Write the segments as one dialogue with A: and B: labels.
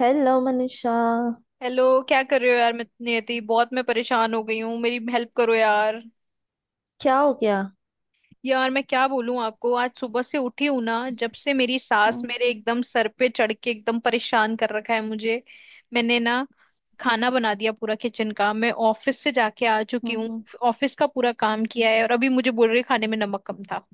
A: Hello Manisha.
B: Hello. क्या कर रहे हो यार? मैं नियति, बहुत मैं परेशान हो गई हूँ, मेरी हेल्प करो यार।
A: क्या हो गया?
B: यार मैं क्या बोलूं आपको, आज सुबह से उठी हूं ना, जब से मेरी सास
A: हम्म
B: मेरे एकदम सर पे चढ़ के एकदम परेशान कर रखा है मुझे। मैंने ना खाना बना दिया, पूरा किचन का, मैं ऑफिस से जाके आ चुकी
A: हम्म
B: हूँ।
A: हम्म।
B: ऑफिस का पूरा काम किया है और अभी मुझे बोल रही है खाने में नमक कम था।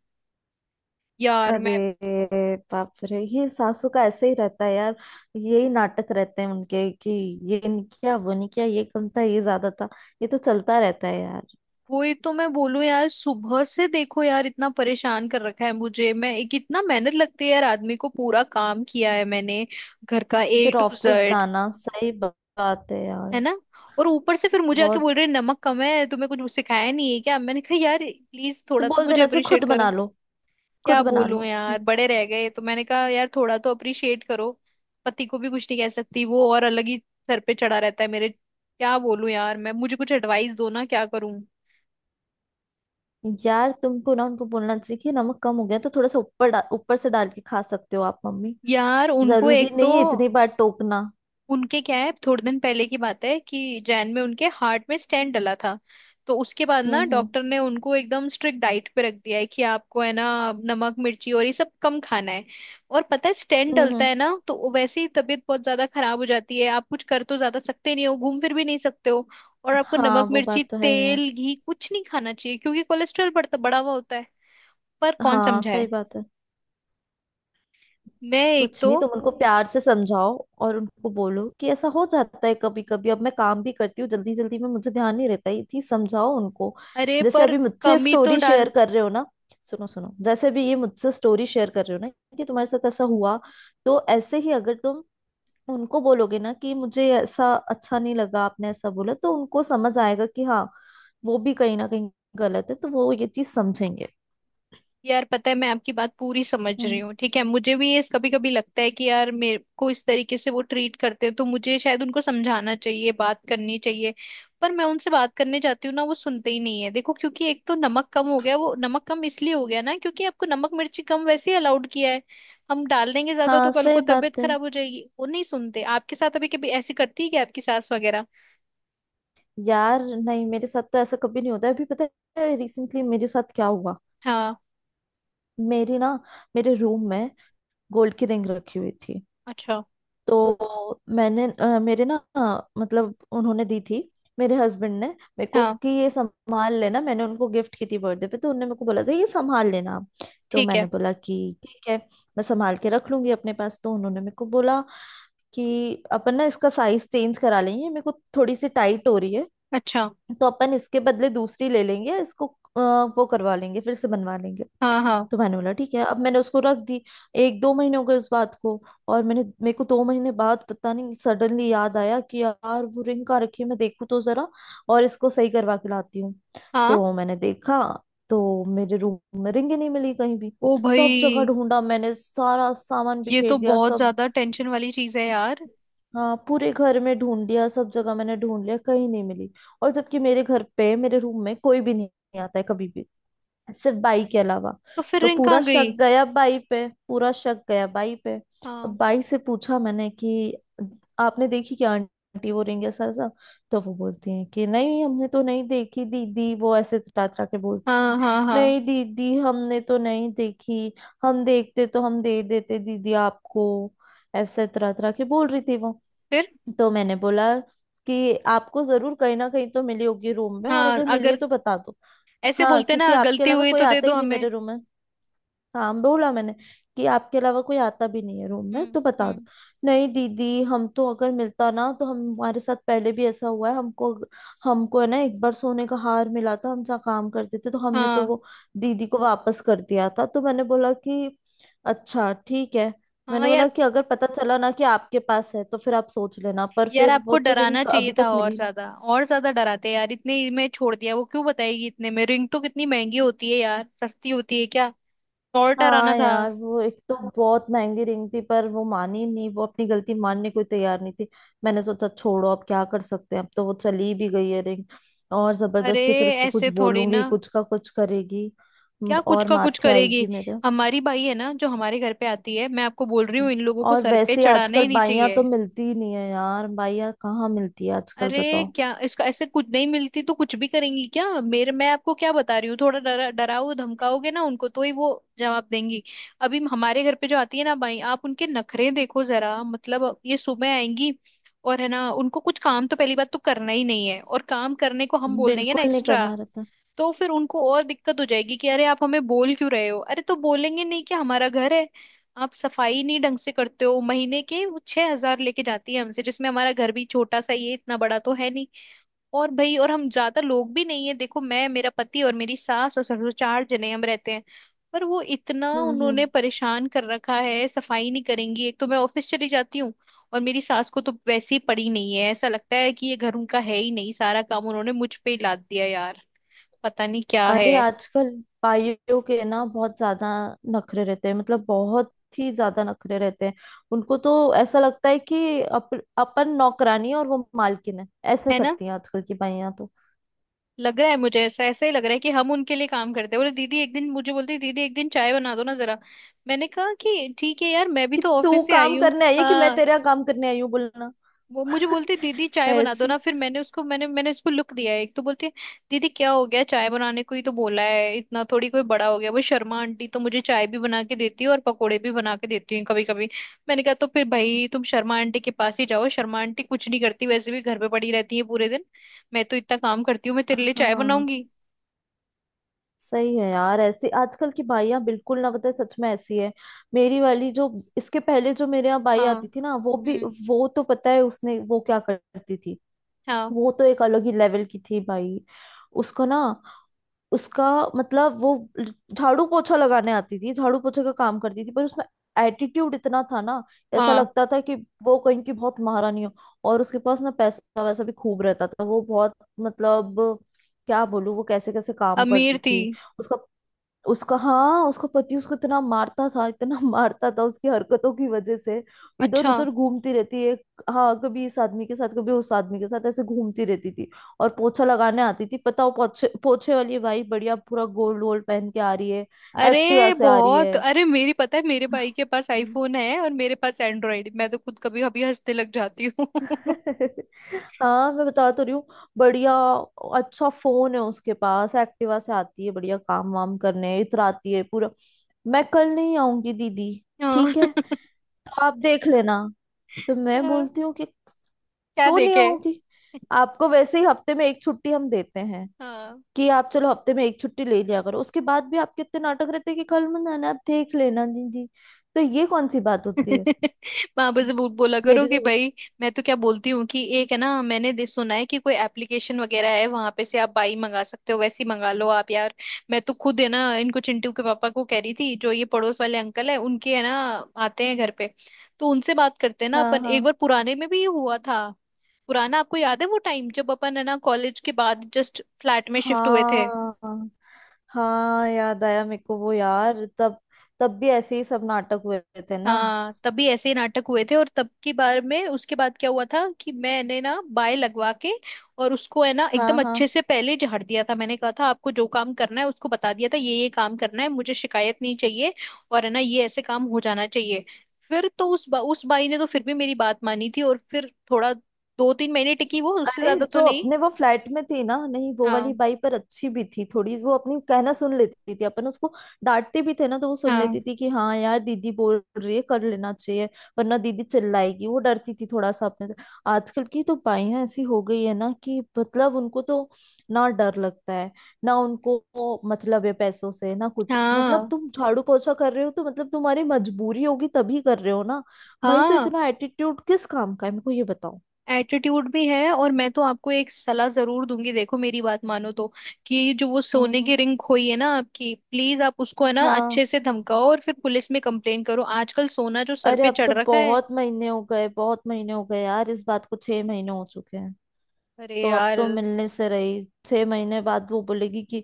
B: यार मैं
A: अरे बाप रे, ये सासू का ऐसे ही रहता है यार। यही नाटक रहते हैं उनके कि ये नहीं किया, वो नहीं किया, ये कम था, ये ज्यादा था। ये तो चलता रहता है यार।
B: वही तो मैं बोलूं यार, सुबह से देखो यार, इतना परेशान कर रखा है मुझे। मैं एक इतना मेहनत लगती है यार आदमी को, पूरा काम किया है मैंने, घर का ए
A: फिर
B: टू
A: ऑफिस
B: जेड।
A: जाना, सही बात है यार।
B: है ना? और ऊपर से फिर मुझे आके
A: बहुत।
B: बोल रहे हैं, नमक कम है, तुम्हें कुछ सिखाया नहीं है क्या? मैंने कहा यार प्लीज
A: तो
B: थोड़ा तो
A: बोल
B: मुझे
A: देना चाहिए,
B: अप्रिशिएट
A: खुद
B: करो।
A: बना लो।
B: क्या
A: खुद बना
B: बोलूं
A: लो।
B: यार,
A: हम्म।
B: बड़े रह गए, तो मैंने कहा यार थोड़ा तो अप्रिशिएट करो। पति को भी कुछ नहीं कह सकती, वो और अलग ही सर पे चढ़ा रहता है मेरे। क्या बोलूं यार, मैं मुझे कुछ एडवाइस दो ना, क्या करूं?
A: यार तुमको ना उनको बोलना चाहिए कि नमक कम हो गया तो थोड़ा सा ऊपर ऊपर से डाल के खा सकते हो आप मम्मी।
B: यार उनको
A: जरूरी
B: एक तो
A: नहीं है इतनी बार टोकना।
B: उनके क्या है, थोड़े दिन पहले की बात है कि जैन में उनके हार्ट में स्टेंट डला था। तो उसके बाद ना
A: हम्म हम्म
B: डॉक्टर ने उनको एकदम स्ट्रिक्ट डाइट पे रख दिया है कि आपको है ना नमक मिर्ची और ये सब कम खाना है। और पता है स्टेंट
A: हम्म
B: डलता
A: हम्म।
B: है ना तो वो वैसे ही तबीयत बहुत ज्यादा खराब हो जाती है, आप कुछ कर तो ज्यादा सकते नहीं हो, घूम फिर भी नहीं सकते हो। और आपको
A: हाँ
B: नमक
A: वो
B: मिर्ची
A: बात तो है यार।
B: तेल घी कुछ नहीं खाना चाहिए क्योंकि कोलेस्ट्रॉल बढ़ता बढ़ा हुआ होता है। पर कौन
A: हाँ सही
B: समझाए?
A: बात है।
B: मैं एक
A: कुछ
B: तो
A: नहीं, तुम उनको प्यार से समझाओ। और उनको बोलो कि ऐसा हो जाता है कभी कभी, अब मैं काम भी करती हूँ, जल्दी जल्दी में मुझे ध्यान नहीं रहता, ये चीज समझाओ उनको।
B: अरे
A: जैसे
B: पर
A: अभी मुझसे
B: कमी तो
A: स्टोरी शेयर
B: डाल
A: कर रहे हो ना। सुनो सुनो, जैसे भी ये मुझसे स्टोरी शेयर कर रहे हो ना कि तुम्हारे साथ ऐसा हुआ, तो ऐसे ही अगर तुम उनको बोलोगे ना कि मुझे ऐसा अच्छा नहीं लगा, आपने ऐसा बोला, तो उनको समझ आएगा कि हाँ, वो भी कहीं ना कहीं गलत है, तो वो ये चीज समझेंगे।
B: यार पता है मैं आपकी बात पूरी समझ रही
A: हम्म
B: हूँ, ठीक है, मुझे भी ये कभी कभी लगता है कि यार मेरे को इस तरीके से वो ट्रीट करते हैं, तो मुझे शायद उनको समझाना चाहिए, बात करनी चाहिए। पर मैं उनसे बात करने जाती हूँ ना, वो सुनते ही नहीं है देखो, क्योंकि एक तो नमक कम हो गया, वो नमक कम इसलिए हो गया ना क्योंकि आपको नमक मिर्ची कम वैसे ही अलाउड किया है। हम डाल देंगे ज्यादा तो
A: हाँ
B: कल को
A: सही
B: तबीयत
A: बात है
B: खराब हो जाएगी, वो नहीं सुनते। आपके साथ अभी कभी ऐसी करती है क्या आपकी सास वगैरह?
A: यार। नहीं, मेरे साथ तो ऐसा कभी नहीं होता है। अभी पता है, रिसेंटली मेरे साथ क्या हुआ।
B: हाँ।
A: मेरी ना, मेरे रूम में गोल्ड की रिंग रखी हुई थी।
B: अच्छा।
A: तो मैंने मेरे ना, मतलब उन्होंने दी थी, मेरे हस्बैंड ने मेरे को,
B: हाँ।
A: कि ये संभाल लेना। मैंने उनको गिफ्ट की थी बर्थडे पे, तो उन्होंने मेरे को बोला था ये संभाल लेना आप। तो
B: ठीक है।
A: मैंने बोला कि ठीक है, मैं संभाल के रख लूंगी अपने पास। तो उन्होंने मेरे को बोला कि अपन ना इसका साइज चेंज करा लेंगे, मेरे को थोड़ी सी टाइट हो रही है,
B: अच्छा।
A: तो अपन इसके बदले दूसरी ले लेंगे, इसको वो करवा लेंगे, फिर से बनवा लेंगे।
B: हाँ, हाँ,
A: तो मैंने बोला ठीक है। अब मैंने उसको रख दी। एक दो महीने हो गए उस बात को, और मैंने मेरे को दो महीने बाद पता नहीं सडनली याद आया कि यार वो रिंग कहाँ रखी है, मैं देखूँ तो जरा, और इसको सही करवा के लाती हूँ।
B: हाँ।
A: तो मैंने देखा तो मेरे रूम में रिंग ही नहीं मिली कहीं भी।
B: ओ भाई!
A: सब जगह ढूंढा मैंने, सारा सामान
B: ये तो
A: बिखेर दिया
B: बहुत
A: सब।
B: ज्यादा टेंशन वाली चीज है यार।
A: हाँ पूरे घर में ढूंढ लिया, सब जगह मैंने ढूंढ लिया, कहीं नहीं मिली। और जबकि मेरे घर पे मेरे रूम में कोई भी नहीं आता है कभी भी, सिर्फ बाई के अलावा।
B: तो फिर
A: तो
B: रिंग
A: पूरा
B: कहाँ
A: शक
B: गई?
A: गया बाई पे, पूरा शक गया बाई पे। अब
B: हाँ,
A: बाई से पूछा मैंने कि आपने देखी क्या आंटी वो रिंग, ऐसा ऐसा। तो वो बोलती है कि नहीं हमने तो नहीं देखी दीदी, वो ऐसे तड़ा तड़ा के बोलती,
B: हाँ, हाँ, हाँ।
A: नहीं दीदी हमने तो नहीं देखी, हम देखते तो हम दे देते दीदी आपको, ऐसे तरह तरह के बोल रही थी वो।
B: फिर?
A: तो मैंने बोला कि आपको जरूर कहीं ना कहीं तो मिली होगी रूम में, और
B: हाँ,
A: अगर मिली है
B: अगर
A: तो बता दो।
B: ऐसे
A: हाँ
B: बोलते ना,
A: क्योंकि आपके
B: गलती
A: अलावा
B: हुई
A: कोई
B: तो दे
A: आता
B: दो
A: ही नहीं
B: हमें।
A: मेरे रूम में। हाँ बोला मैंने कि आपके अलावा कोई आता भी नहीं है रूम में,
B: हम्म।
A: तो बता दो।
B: हम्म।
A: नहीं दीदी हम तो अगर मिलता ना तो हम, हमारे साथ पहले भी ऐसा हुआ है, हमको, हमको है ना एक बार सोने का हार मिला था हम जहाँ काम करते थे, तो हमने तो
B: हाँ।
A: वो दीदी को वापस कर दिया था। तो मैंने बोला कि अच्छा ठीक है।
B: हाँ
A: मैंने बोला
B: यार।
A: कि अगर पता चला ना कि आपके पास है तो फिर आप सोच लेना। पर
B: यार
A: फिर वो
B: आपको
A: तो रिंग
B: डराना चाहिए
A: अभी
B: था
A: तक
B: और
A: मिली।
B: ज्यादा, और ज्यादा डराते यार, इतने ही में छोड़ दिया? वो क्यों बताएगी इतने में? रिंग तो कितनी महंगी होती है यार, सस्ती होती है क्या? और डराना
A: हाँ
B: था।
A: यार वो एक तो बहुत महंगी रिंग थी, पर वो मानी नहीं, वो अपनी गलती मानने को तैयार नहीं थी। मैंने सोचा छोड़ो, अब क्या कर सकते हैं, अब तो वो चली भी गई है रिंग। और
B: अरे
A: जबरदस्ती फिर उसको कुछ
B: ऐसे थोड़ी
A: बोलूंगी,
B: ना!
A: कुछ का कुछ करेगी।
B: क्या कुछ
A: और
B: का कुछ
A: माथे
B: करेगी?
A: आएगी मेरे।
B: हमारी भाई है ना जो हमारे घर पे आती है, मैं आपको बोल रही हूँ, इन लोगों को
A: और
B: सर पे
A: वैसे
B: चढ़ाना
A: आजकल
B: ही नहीं
A: बाइयां
B: चाहिए।
A: तो मिलती ही नहीं है यार, बाइयां कहाँ मिलती है आजकल,
B: अरे
A: बताओ।
B: क्या इसका ऐसे, कुछ नहीं मिलती तो कुछ भी करेंगी क्या? मेरे, मैं आपको क्या बता रही हूँ, थोड़ा डरा डराओ, धमकाओगे ना उनको तो ही वो जवाब देंगी। अभी हमारे घर पे जो आती है ना भाई, आप उनके नखरे देखो जरा, मतलब ये सुबह आएंगी, और है ना उनको कुछ काम तो पहली बात तो करना ही नहीं है, और काम करने को हम बोल देंगे ना
A: बिल्कुल नहीं
B: एक्स्ट्रा,
A: करना रहता।
B: तो फिर उनको और दिक्कत हो जाएगी कि अरे आप हमें बोल क्यों रहे हो। अरे तो बोलेंगे नहीं कि हमारा घर है, आप सफाई नहीं ढंग से करते हो? महीने के वो 6 हज़ार लेके जाती है हमसे, जिसमें हमारा घर भी छोटा सा ये, इतना बड़ा तो है नहीं, और भाई और हम ज्यादा लोग भी नहीं है देखो, मैं, मेरा पति और मेरी सास और ससुर, 4 जने हम रहते हैं। पर वो इतना
A: हम्म
B: उन्होंने
A: हम्म
B: परेशान कर रखा है, सफाई नहीं करेंगी, एक तो मैं ऑफिस चली जाती हूँ और मेरी सास को तो वैसे ही पड़ी नहीं है, ऐसा लगता है कि ये घर उनका है ही नहीं, सारा काम उन्होंने मुझ पे ही लाद दिया यार, पता नहीं क्या है।
A: अरे आजकल भाइयों के ना बहुत ज्यादा नखरे रहते हैं, मतलब बहुत ही ज्यादा नखरे रहते हैं। उनको तो ऐसा लगता है कि अपन नौकरानी है और वो मालकिन है। ऐसे
B: है ना?
A: करती हैं आजकल की भाइयां तो।
B: लग रहा है मुझे ऐसा, ऐसा ही लग रहा है कि हम उनके लिए काम करते हैं। बोले दीदी, एक दिन मुझे बोलती दीदी एक दिन चाय बना दो ना जरा। मैंने कहा कि ठीक है यार मैं भी
A: कि
B: तो
A: तू
B: ऑफिस से आई
A: काम
B: हूँ।
A: करने आई है कि मैं
B: हाँ।
A: तेरा काम करने आई हूँ, बोलना।
B: वो मुझे बोलती दीदी चाय बना दो
A: ऐसी।
B: ना, फिर मैंने उसको, मैंने मैंने उसको लुक दिया है, एक तो बोलती है दीदी क्या हो गया चाय बनाने को ही तो बोला है, इतना थोड़ी कोई बड़ा हो गया, वो शर्मा आंटी तो मुझे चाय भी बना के देती है और पकोड़े भी बना के देती हैं कभी कभी। मैंने कहा तो फिर भाई तुम शर्मा आंटी के पास ही जाओ, शर्मा आंटी कुछ नहीं करती वैसे भी, घर पे पड़ी रहती है पूरे दिन, मैं तो इतना काम करती हूँ, मैं तेरे लिए चाय
A: हाँ
B: बनाऊंगी?
A: सही है यार, ऐसी आजकल की भाइयां बिल्कुल ना बताए, सच में ऐसी है। मेरी वाली जो, इसके पहले जो मेरे यहाँ बाई
B: हाँ।
A: आती थी ना वो भी,
B: हम्म।
A: वो तो पता है उसने वो क्या करती थी।
B: हाँ।
A: वो तो एक अलग ही लेवल की थी भाई। उसको ना, उसका, मतलब वो झाड़ू पोछा लगाने आती थी, झाड़ू पोछे का काम करती थी, पर उसमें एटीट्यूड इतना था ना, ऐसा
B: हाँ।
A: लगता था कि वो कहीं की बहुत महारानी हो। और उसके पास ना पैसा वैसा भी खूब रहता था, वो बहुत, मतलब क्या बोलूं, वो कैसे कैसे काम
B: अमीर
A: करती
B: थी।
A: थी। उसका उसका हाँ, उसका पति उसको इतना मारता था, इतना मारता था उसकी हरकतों की वजह से। इधर
B: अच्छा।
A: उधर घूमती रहती है, हाँ कभी इस आदमी के साथ कभी उस आदमी के साथ, ऐसे घूमती रहती थी। और पोछा लगाने आती थी पता, वो पोछे पोछे वाली भाई बढ़िया पूरा गोल्ड वोल्ड पहन के आ रही है,
B: अरे
A: एक्टिवा से आ रही
B: बहुत।
A: है।
B: अरे मेरी, पता है मेरे भाई के पास
A: हम्म।
B: आईफोन है और मेरे पास एंड्रॉइड, मैं तो खुद कभी कभी हंसने लग जाती हूँ।
A: हाँ मैं बता तो रही हूँ। बढ़िया अच्छा फोन है उसके पास, एक्टिवा से आती है, बढ़िया काम वाम करने इतराती है पूरा। मैं कल नहीं आऊंगी दीदी,
B: हाँ।
A: ठीक है आप देख लेना। तो मैं
B: हाँ,
A: बोलती हूँ कि
B: क्या
A: क्यों नहीं
B: देखे?
A: आऊंगी? आपको वैसे ही हफ्ते में एक छुट्टी हम देते हैं
B: हाँ।
A: कि आप चलो हफ्ते में एक छुट्टी ले लिया करो। उसके बाद भी आपके इतने नाटक रहते हैं कि कल मत आना आप देख लेना दीदी। तो ये कौन सी बात होती है?
B: वहां से बोला करो
A: मेरी
B: कि
A: तो,
B: भाई। मैं तो क्या बोलती हूँ कि एक है ना, मैंने सुना है कि कोई एप्लीकेशन वगैरह है, वहां पे से आप बाई मंगा सकते हो, वैसी मंगा लो आप यार। मैं तो खुद है ना इनको, चिंटू के पापा को कह रही थी, जो ये पड़ोस वाले अंकल है उनके है ना आते हैं घर पे, तो उनसे बात करते हैं ना
A: हाँ
B: अपन, एक बार
A: हाँ
B: पुराने में भी ये हुआ था। पुराना आपको याद है वो टाइम जब अपन है ना कॉलेज के बाद जस्ट फ्लैट में शिफ्ट हुए
A: हाँ।
B: थे।
A: हाँ हाँ याद आया मेरे को वो यार, तब, तब भी ऐसे ही सब नाटक हुए थे ना।
B: हाँ तभी ऐसे ही नाटक हुए थे, और तब की बार में उसके बाद क्या हुआ था कि मैंने ना बाय लगवा के, और उसको है ना
A: हाँ
B: एकदम
A: हाँ।
B: अच्छे से पहले झाड़ दिया था, मैंने कहा था आपको जो काम करना है उसको बता दिया था, ये काम करना है, मुझे शिकायत नहीं चाहिए, और है ना ये ऐसे काम हो जाना चाहिए। फिर तो उस बाई ने तो फिर भी मेरी बात मानी थी, और फिर थोड़ा 2 3 महीने टिकी, वो उससे
A: अरे
B: ज्यादा तो
A: जो
B: नहीं।
A: अपने वो फ्लैट में थी ना, नहीं वो वाली
B: हाँ,
A: बाई पर अच्छी भी थी थोड़ी, वो अपनी कहना सुन लेती थी, अपन उसको डांटते भी थे ना तो वो सुन
B: हाँ,
A: लेती थी कि हाँ यार दीदी बोल रही है, कर लेना चाहिए, वरना दीदी चिल्लाएगी। वो डरती थी थोड़ा सा अपने से। आजकल की तो बाइयां ऐसी हो गई है ना कि मतलब उनको तो ना डर लगता है, ना उनको वो मतलब है पैसों से ना, कुछ मतलब
B: हाँ,
A: तुम झाड़ू पोछा कर रहे हो तो मतलब तुम्हारी मजबूरी होगी, तभी कर रहे हो ना। भाई तो
B: हाँ।
A: इतना एटीट्यूड किस काम का है, मेरे को ये बताओ।
B: एटीट्यूड भी है। और मैं तो आपको एक सलाह जरूर दूंगी, देखो मेरी बात मानो तो, कि जो वो
A: हम्म
B: सोने
A: हम्म
B: की रिंग खोई है ना आपकी, प्लीज आप उसको है ना अच्छे
A: हाँ,
B: से धमकाओ और फिर पुलिस में कंप्लेन करो, आजकल सोना जो सर
A: अरे
B: पे
A: अब
B: चढ़
A: तो
B: रखा है।
A: बहुत महीने हो गए, बहुत महीने हो गए यार, इस बात को छह महीने हो चुके हैं।
B: अरे
A: तो अब
B: यार।
A: तो मिलने से रही, छह महीने बाद वो बोलेगी कि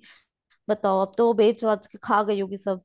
A: बताओ, अब तो वो बेच वाच के खा गई होगी सब।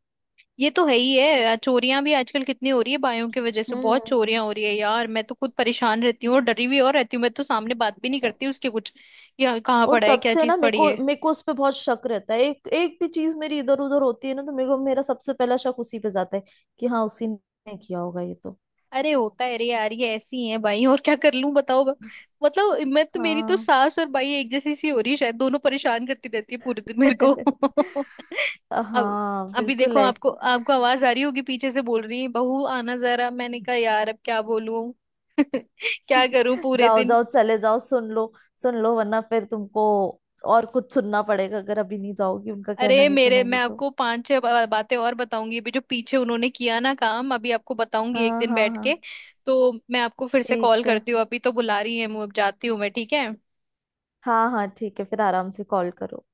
B: ये तो है ही है, चोरियां भी आजकल कितनी हो रही है बायों की वजह से, बहुत
A: हम्म
B: चोरियां हो रही है यार, मैं तो खुद परेशान रहती हूँ और डरी भी और रहती हूँ, मैं तो सामने बात भी नहीं करती उसके कुछ या कहाँ
A: और
B: पड़ा है
A: तब
B: क्या
A: से
B: चीज
A: ना मेरे
B: पड़ी
A: को,
B: है।
A: मेरे को उस पे बहुत शक रहता है, एक एक भी चीज मेरी इधर उधर होती है ना तो मेरे को, मेरा सबसे पहला शक उसी पे जाता है कि हाँ, उसी ने किया होगा ये तो।
B: अरे होता है रे यार, ये ऐसी हैं भाई, और क्या कर लूं बताओ? मतलब मैं तो, मेरी तो
A: हाँ
B: सास और भाई एक जैसी सी हो रही है शायद, दोनों परेशान करती रहती है पूरे दिन मेरे को। अब,
A: हाँ
B: अभी
A: बिल्कुल
B: देखो
A: ऐसे।
B: आपको आपको आवाज आ रही होगी पीछे से, बोल रही है बहू आना जरा, मैंने कहा यार अब क्या बोलूं? क्या करूं पूरे
A: जाओ
B: दिन?
A: जाओ, चले जाओ, सुन लो। सुन लो वरना फिर तुमको और कुछ सुनना पड़ेगा, अगर अभी नहीं जाओगी, उनका कहना
B: अरे
A: नहीं
B: मेरे, मैं
A: सुनोगी तो।
B: आपको 5 6 बातें और बताऊंगी, अभी जो पीछे उन्होंने किया ना काम अभी आपको बताऊंगी एक
A: हाँ
B: दिन
A: हाँ
B: बैठ के।
A: हाँ
B: तो मैं आपको फिर से कॉल
A: ठीक है।
B: करती हूँ, अभी तो बुला रही है, मैं अब जाती हूँ मैं, ठीक है?
A: हाँ हाँ ठीक है, फिर आराम से कॉल करो।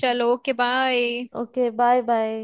B: चलो, okay, bye.
A: Okay bye bye.